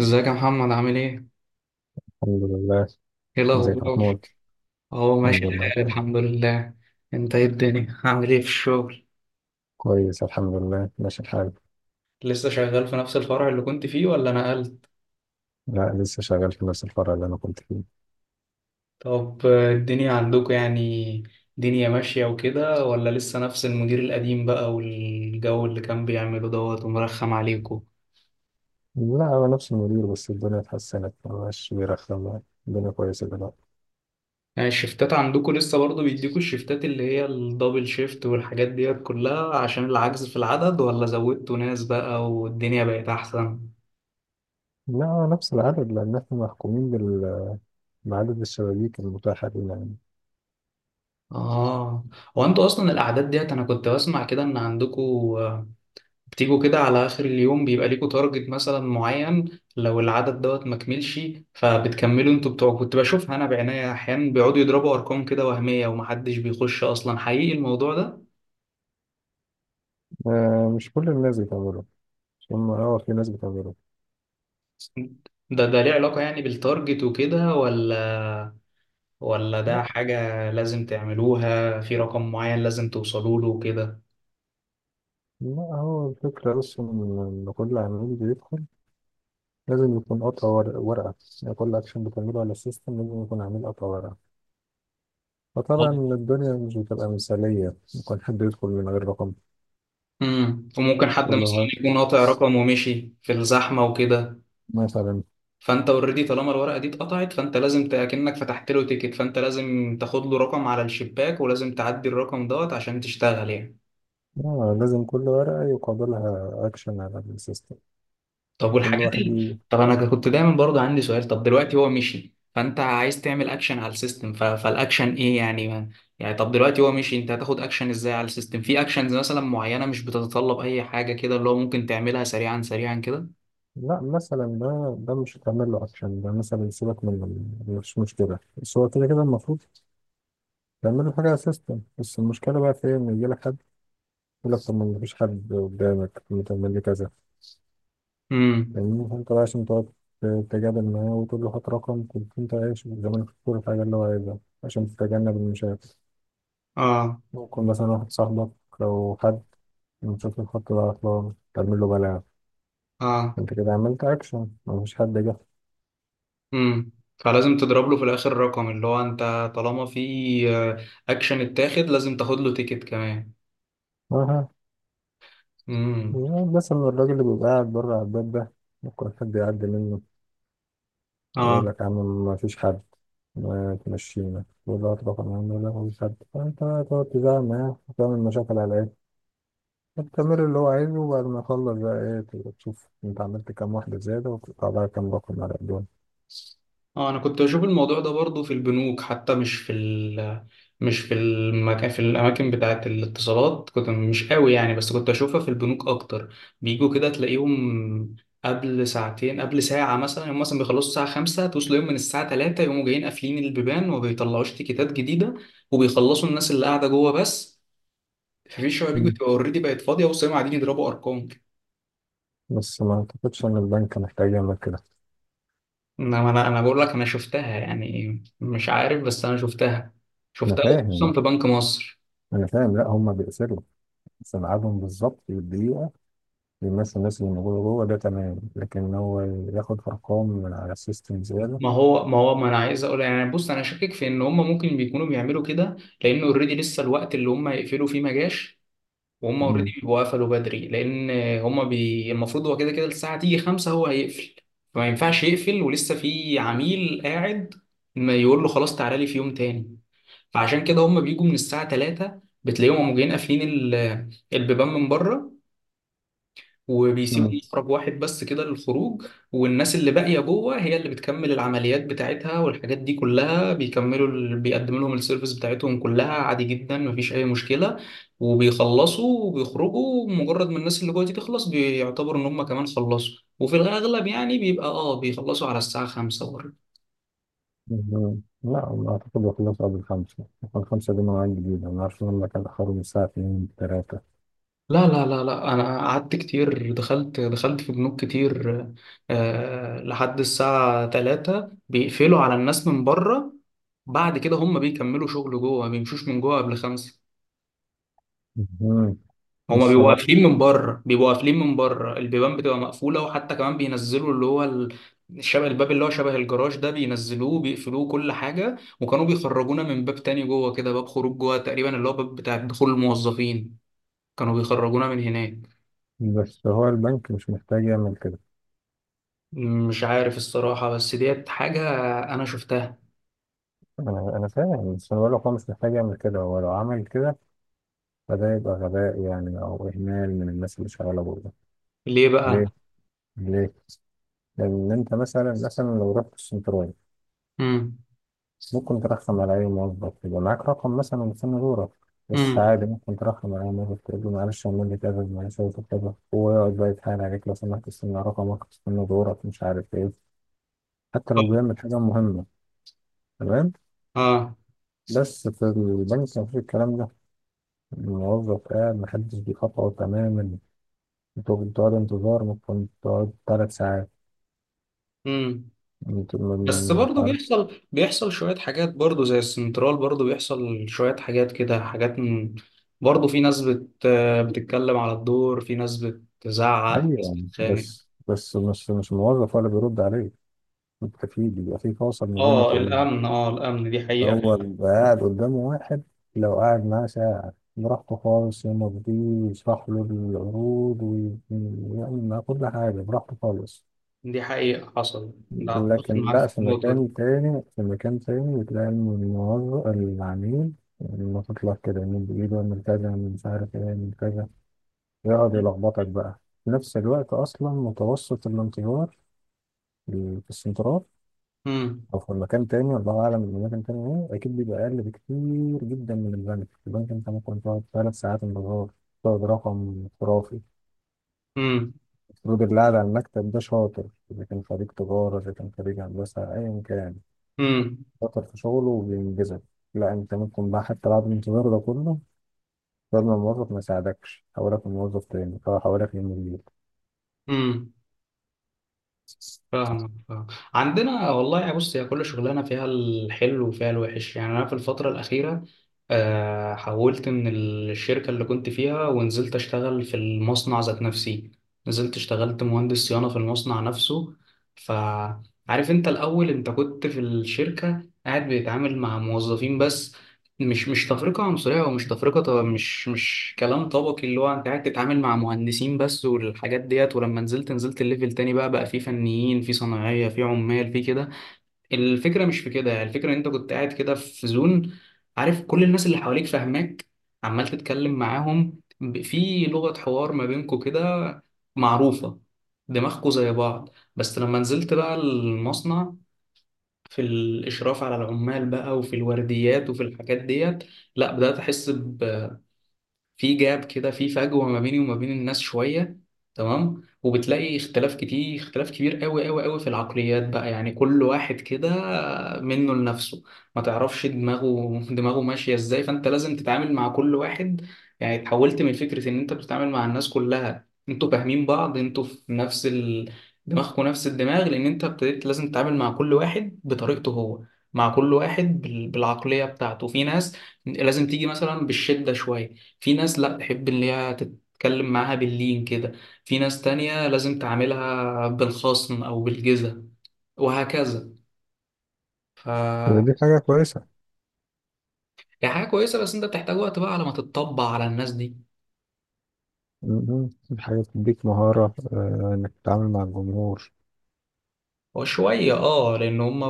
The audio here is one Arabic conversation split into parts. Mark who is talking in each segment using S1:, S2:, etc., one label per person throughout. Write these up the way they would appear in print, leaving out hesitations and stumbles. S1: ازيك يا محمد؟ عامل ايه؟
S2: الحمد لله.
S1: ايه
S2: ازيك يا
S1: الأخبار؟
S2: محمود؟
S1: اهو ماشي
S2: الحمد لله،
S1: الحال
S2: تمام.
S1: الحمد لله. انت ايه الدنيا؟ عامل ايه في الشغل؟
S2: كويس الحمد لله، ماشي الحال.
S1: لسه شغال في نفس الفرع اللي كنت فيه ولا نقلت؟
S2: لا، لسه شغال في نفس الفرع اللي انا كنت فيه.
S1: طب آه، الدنيا عندكم، يعني دنيا ماشية وكده، ولا لسه نفس المدير القديم بقى، والجو اللي كان بيعمله دوت ومرخم عليكم؟
S2: لا، هو نفس المدير بس الدنيا اتحسنت، ما بقاش بيرخم يعني. الدنيا كويسة دلوقتي.
S1: يعني الشفتات عندكم لسه برضه بيديكوا الشفتات اللي هي الدبل شيفت والحاجات ديت كلها عشان العجز في العدد، ولا زودتوا ناس بقى والدنيا بقت أحسن؟
S2: لا، هو نفس العدد لأن احنا محكومين بال... بعدد الشبابيك المتاحة لنا يعني.
S1: اه. هو انتوا اصلا الاعداد ديت انا كنت بسمع كده ان عندكوا بتيجوا كده على اخر اليوم بيبقى ليكوا تارجت مثلا معين، لو العدد دوت ما كملش فبتكملوا انتوا بتوع. كنت بشوفها انا بعناية احيانا بيقعدوا يضربوا ارقام كده وهمية ومحدش بيخش اصلا حقيقي الموضوع ده.
S2: آه، مش كل الناس بتعمله. مش هم، في ناس بتعمله.
S1: ده ليه علاقة يعني بالتارجت وكده، ولا ولا ده
S2: لا،
S1: حاجة لازم تعملوها في رقم معين لازم توصلوا له وكده؟
S2: لا، هو الفكرة بس إن كل عميل بيدخل، لازم يكون قطع ورقة. يعني كل أكشن بتعمله على السيستم لازم يكون عامل قطع ورقة. فطبعا الدنيا مش بتبقى مثالية، ممكن حد يدخل من غير رقم.
S1: وممكن حد
S2: يقول له
S1: مثلا
S2: ها،
S1: يكون قاطع رقم ومشي في الزحمة وكده،
S2: مثلا.
S1: فانت اوريدي طالما الورقه دي اتقطعت فانت لازم كأنك فتحت له تيكت، فانت لازم تاخد له رقم على الشباك ولازم تعدي الرقم دوت عشان تشتغل يعني.
S2: آه، لازم كل ورقة يقابلها أكشن على السيستم.
S1: طب
S2: يكون ده
S1: والحاجات
S2: واحد
S1: اللي طب انا كنت دايما برضه عندي سؤال، طب دلوقتي هو مشي، فانت عايز تعمل اكشن على السيستم، ف... فالاكشن ايه يعني، ما... يعني طب دلوقتي هو مشي، انت هتاخد اكشن ازاي على السيستم؟ في اكشنز مثلا معينه مش بتتطلب اي حاجه كده اللي هو ممكن تعملها سريعا كده؟
S2: لا، مثلا ده مش هتعمل له أكشن. ده مثلا سيبك من، مش مشكلة، بس هو كده كده المفروض تعمل له حاجة على السيستم. بس المشكلة بقى في إيه، إن يجيلك حد يقول لك طب ما مفيش حد قدامك، ما تعمل لي كذا.
S1: امم.
S2: فاهمني؟ فانت بقى عشان تقعد تتجادل معاه وتقول له هات رقم، كنت انت عايش زمان، في كل حاجة اللي هو عايزها عشان تتجنب المشاكل.
S1: اه.
S2: ممكن مثلا واحد صاحبك، لو حد من شكل الخط ده عطلان تعمل له بلاغ.
S1: اه.
S2: انت كده عملت اكشن، مفيش حد جه.
S1: امم. فلازم تضرب له في الاخر رقم اللي هو انت، طالما في آه، اكشن اتاخد لازم تاخد له تيكت كمان.
S2: اه.
S1: امم.
S2: بس إن الراجل اللي بيبقى قاعد بره على الباب ده، ممكن حد يعدي منه.
S1: اه.
S2: يقول لك يا عم، مفيش حد، ما تمشينا. يقول له هات رقم يا عم، لا مفيش حد. فانت بقى تقعد تزعل معاه وتعمل مشاكل على العيال التمرين اللي هو عايزه. وبعد ما يخلص بقى، ايه؟ تبقى تشوف انت عملت كام واحدة زيادة وتقطع بقى كام رقم على قدام.
S1: اه. انا كنت بشوف الموضوع ده برضو في البنوك حتى، مش في ال مش في المكان، في الاماكن بتاعه الاتصالات كنت مش قوي يعني، بس كنت اشوفها في البنوك اكتر. بيجوا كده تلاقيهم قبل ساعتين قبل ساعة مثلا، هم مثلا بيخلصوا الساعة خمسة، توصل يوم من الساعة تلاتة يقوموا جايين قافلين البيبان وما بيطلعوش تيكيتات جديدة، وبيخلصوا الناس اللي قاعدة جوه بس. مفيش شويه بيجوا
S2: مم.
S1: تبقى اوريدي بقت فاضيه وصيام قاعدين يضربوا ارقام كده.
S2: بس ما اعتقدش ان البنك محتاج يعمل كده.
S1: انما انا بقول لك انا شفتها يعني، مش عارف بس انا شفتها،
S2: انا
S1: شفتها خصوصا
S2: فاهم،
S1: في بنك مصر.
S2: انا فاهم. لا، هما بيقسلوا، بس ميعادهم بالظبط في الدقيقة بيمثل الناس اللي موجودة جوه ده، تمام. لكن هو ياخد ارقام من على السيستم زيادة.
S1: ما هو ما هو ما انا عايز اقول يعني، بص انا شاكك في ان هم ممكن بيكونوا بيعملوا كده، لان اوريدي لسه الوقت اللي هم يقفلوا فيه ما جاش، وهم اوريدي
S2: مم.
S1: بيبقوا قفلوا بدري، لان المفروض هو كده كده الساعه تيجي خمسة هو هيقفل، فما ينفعش يقفل ولسه في عميل قاعد، ما يقول له خلاص تعالى لي في يوم تاني. فعشان كده هم بيجوا من الساعة 3 بتلاقيهم قاموا جايين قافلين ال- البيبان من بره، وبيسيبوا
S2: مم.
S1: مخرج واحد بس كده للخروج. والناس اللي باقية جوه هي اللي بتكمل العمليات بتاعتها والحاجات دي كلها، بيكملوا ال- بيقدموا لهم السيرفيس بتاعتهم كلها عادي جدا مفيش أي مشكلة، وبيخلصوا وبيخرجوا. مجرد ما الناس اللي جوه دي تخلص بيعتبروا إن هم كمان خلصوا، وفي الأغلب يعني بيبقى آه بيخلصوا على الساعة 5.
S2: مم. لا، ما اعتقد يخلص قبل الخمسة. الخمسة دي مواعيد جديدة، ما اعرفش، هما كانوا اخرهم الساعة اتنين تلاتة.
S1: لا لا لا لا، انا قعدت كتير، دخلت في بنوك كتير، آه لحد الساعة 3 بيقفلوا على الناس من بره، بعد كده هم بيكملوا شغل جوه، ما بيمشوش من جوه قبل خمسة.
S2: مم.
S1: هما
S2: بس
S1: بيبقوا
S2: هو
S1: قافلين من بره، بيبقوا قافلين من بره، البيبان بتبقى مقفولة، وحتى كمان بينزلوا اللي هو ال- شبه الباب اللي هو شبه الجراج ده بينزلوه بيقفلوه كل حاجة، وكانوا بيخرجونا من باب تاني جوه كده، باب خروج جوه تقريبا اللي هو باب بتاع دخول الموظفين، كانوا بيخرجونا من هناك.
S2: بس هو البنك مش محتاج يعمل كده.
S1: مش عارف الصراحة، بس ديت حاجة أنا شفتها.
S2: انا فاهم، بس انا بقول لك هو مش محتاج يعمل كده. هو لو عمل كده فده يبقى غباء يعني، او اهمال من الناس اللي شغاله بره.
S1: ليه بقى؟
S2: ليه؟ ليه؟ لان انت مثلا، لو رحت السنترال
S1: امم.
S2: ممكن ترخم على اي موظف يبقى معاك رقم مثلا مستني دورك، بس
S1: امم.
S2: عادي ممكن ترخم على اي موظف، تقول له معلش اعمل لي كذا، معلش أعمل لي كذا، هو يقعد بقى يتحايل عليك، لو سمحت استنى رقمك، استنى دورك، مش عارف ايه. حتى لو بيعمل حاجه مهمه، تمام.
S1: اه.
S2: بس في البنك مفيش الكلام ده. الموظف قاعد، محدش بيخاطره تماما. انتوا بتقعدوا انتظار، ممكن تقعد 3 ساعات.
S1: امم.
S2: انتوا
S1: بس
S2: مش
S1: برضه
S2: عارف.
S1: بيحصل، بيحصل شوية حاجات برضه زي السنترال، برضه بيحصل شوية حاجات كده، حاجات من... برضه في ناس بت... بتتكلم على الدور، في ناس بتزعق، في ناس
S2: ايوه،
S1: بتخانق.
S2: بس مش الموظف ولا بيرد عليك. انت في بيبقى في فاصل ما بينك
S1: اه
S2: وبينه.
S1: الأمن، اه الأمن دي حقيقة.
S2: هو بيبقى قاعد قدامه واحد، لو قاعد معاه ساعة براحته خالص يمضيه ويشرح له العروض ويعمل معاه كل حاجة براحته خالص.
S1: دي حقيقة حصل. ده أتفق
S2: لكن
S1: معاك
S2: لا،
S1: في
S2: في
S1: النقطة دي.
S2: مكان تاني، في مكان تاني بتلاقي إن الموظف العميل لما تطلع كده من بإيده، من كذا، من مش عارف إيه، من كذا، يقعد يلخبطك بقى. في نفس الوقت أصلا متوسط الانتظار في السنترال
S1: امم.
S2: أو في مكان تاني الله أعلم المكان تاني إيه، أكيد بيبقى أقل بكتير جدا من البنك. البنك أنت ممكن تقعد 3 ساعات انتظار، تقعد رقم خرافي.
S1: امم.
S2: المفروض اللي قاعد على المكتب ده شاطر، إذا كان خريج تجارة، إذا كان خريج هندسة، أيا كان
S1: امم.
S2: شاطر في شغله وبينجزك. لا، انت ممكن بقى حتى بعد الانتظار ده كله، لازم الموظف ما يساعدك، حولك لموظف تاني او حولك لمدير.
S1: امم. فاهم فاهم. عندنا والله يا بص، هي كل شغلانه فيها الحلو وفيها الوحش يعني، انا في الفتره الاخيره آه، حولت من الشركه اللي كنت فيها ونزلت اشتغل في المصنع ذات نفسي، نزلت اشتغلت مهندس صيانه في المصنع نفسه. فعارف انت الاول انت كنت في الشركه قاعد بيتعامل مع موظفين بس، مش مش تفرقة عنصرية ومش تفرقة، طب مش مش كلام طبقي، اللي هو انت قاعد تتعامل مع مهندسين بس والحاجات ديت، ولما نزلت، نزلت الليفل تاني بقى، بقى في فنيين، في صناعية، في عمال، في كده. الفكرة مش في كده، الفكرة ان انت كنت قاعد كده في زون، عارف كل الناس اللي حواليك فاهماك، عمال تتكلم معاهم ب- في لغة حوار ما بينكوا كده معروفة، دماغكوا زي بعض. بس لما نزلت بقى المصنع، في الإشراف على العمال بقى، وفي الورديات، وفي الحاجات ديت، لا بدأت أحس ب- في جاب كده، في فجوة ما بيني وما بين الناس شوية. تمام. وبتلاقي اختلاف كتير، اختلاف كبير قوي قوي قوي في العقليات بقى، يعني كل واحد كده منه لنفسه، ما تعرفش دماغه دماغه ماشية ازاي، فانت لازم تتعامل مع كل واحد. يعني اتحولت من فكرة ان انت بتتعامل مع الناس كلها انتوا فاهمين بعض، انتوا في نفس ال... دماغكم نفس الدماغ، لان انت ابتديت لازم تتعامل مع كل واحد بطريقته هو، مع كل واحد بال... بالعقلية بتاعته. في ناس لازم تيجي مثلا بالشدة شوية، في ناس لا تحب ان هي تتكلم معاها باللين كده، في ناس تانية لازم تعاملها بالخصم او بالجزة، وهكذا. ف
S2: دي حاجة كويسة.
S1: هي حاجة كويسة، بس انت بتحتاج وقت بقى على ما تتطبع على الناس دي
S2: م- م. حاجة تديك مهارة، إنك تتعامل مع الجمهور.
S1: وشوية. اه، لان هما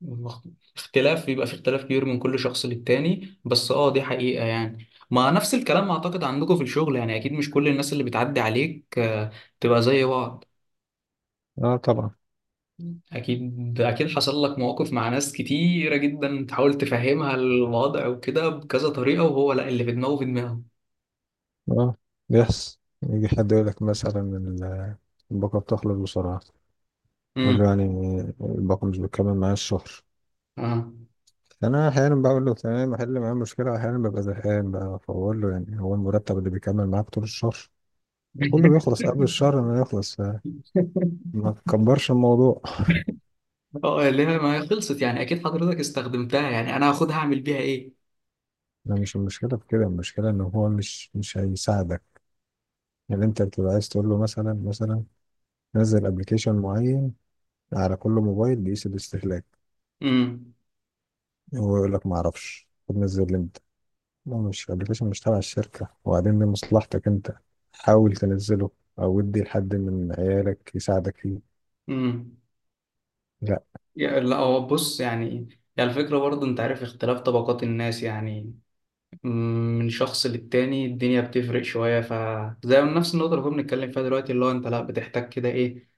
S1: مخ- اختلاف بيبقى، في اختلاف كبير من كل شخص للتاني، بس اه دي حقيقة يعني. ما نفس الكلام اعتقد عندكم في الشغل يعني، اكيد مش كل الناس اللي بتعدي عليك آه، تبقى زي بعض.
S2: اه، طبعا.
S1: أكيد أكيد حصل لك مواقف مع ناس كتيرة جدا تحاول تفهمها الوضع وكده بكذا طريقة، وهو لا اللي في دماغه في دماغه.
S2: اه، بيحصل يجي حد يقول لك مثلا الباقة بتخلص بسرعة.
S1: امم.
S2: يقول له يعني الباقة مش بتكمل معايا الشهر.
S1: اه.
S2: أنا أحيانا بقول له تمام أحل معايا المشكلة، أحيانا ببقى زهقان بقى فبقول له يعني، هو المرتب اللي بيكمل معاك طول الشهر؟ كله بيخلص قبل الشهر ما يخلص، ما تكبرش الموضوع.
S1: اه اللي هي ما هي خلصت يعني، أكيد حضرتك استخدمتها، يعني أنا هاخدها أعمل بيها إيه؟
S2: لا، مش المشكلة في كده، المشكلة ان هو مش هيساعدك. يعني انت بتبقى عايز تقول له مثلا نزل ابلكيشن معين على كل موبايل بيقيس الاستهلاك.
S1: امم.
S2: هو يقول لك ما اعرفش، طب نزل امتى؟ ما مش ابلكيشن مش تبع الشركة، وبعدين دي مصلحتك انت، حاول تنزله او ادي لحد من عيالك يساعدك فيه.
S1: امم.
S2: لا.
S1: يا- لا هو بص يعني، يعني الفكرة برضه أنت عارف اختلاف طبقات الناس يعني، مم، من شخص للتاني الدنيا بتفرق شوية، فزي نفس النقطة اللي كنا بنتكلم فيها دلوقتي، اللي هو أنت لا بتحتاج كده إيه،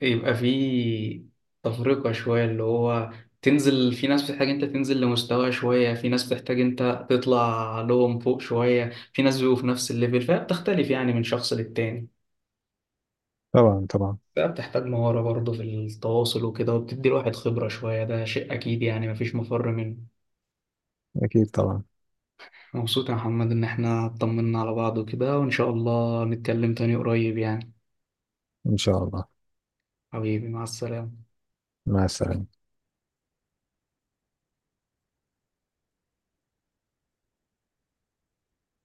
S1: يبقى في تفرقة شوية، اللي هو تنزل، في ناس بتحتاج انت تنزل لمستوى شوية، في ناس بتحتاج انت تطلع لهم فوق شوية، في ناس بيبقوا في نفس الليفل، فهي بتختلف يعني من شخص للتاني.
S2: طبعا، طبعا.
S1: فهي بتحتاج مهارة برضه في التواصل وكده، وبتدي الواحد خبرة شوية، ده شيء أكيد يعني مفيش مفر منه.
S2: اكيد طبعا.
S1: مبسوط يا محمد إن احنا اطمنا على بعض وكده، وإن شاء الله نتكلم تاني قريب يعني.
S2: ان شاء الله.
S1: حبيبي، مع السلامة.
S2: مع السلامة.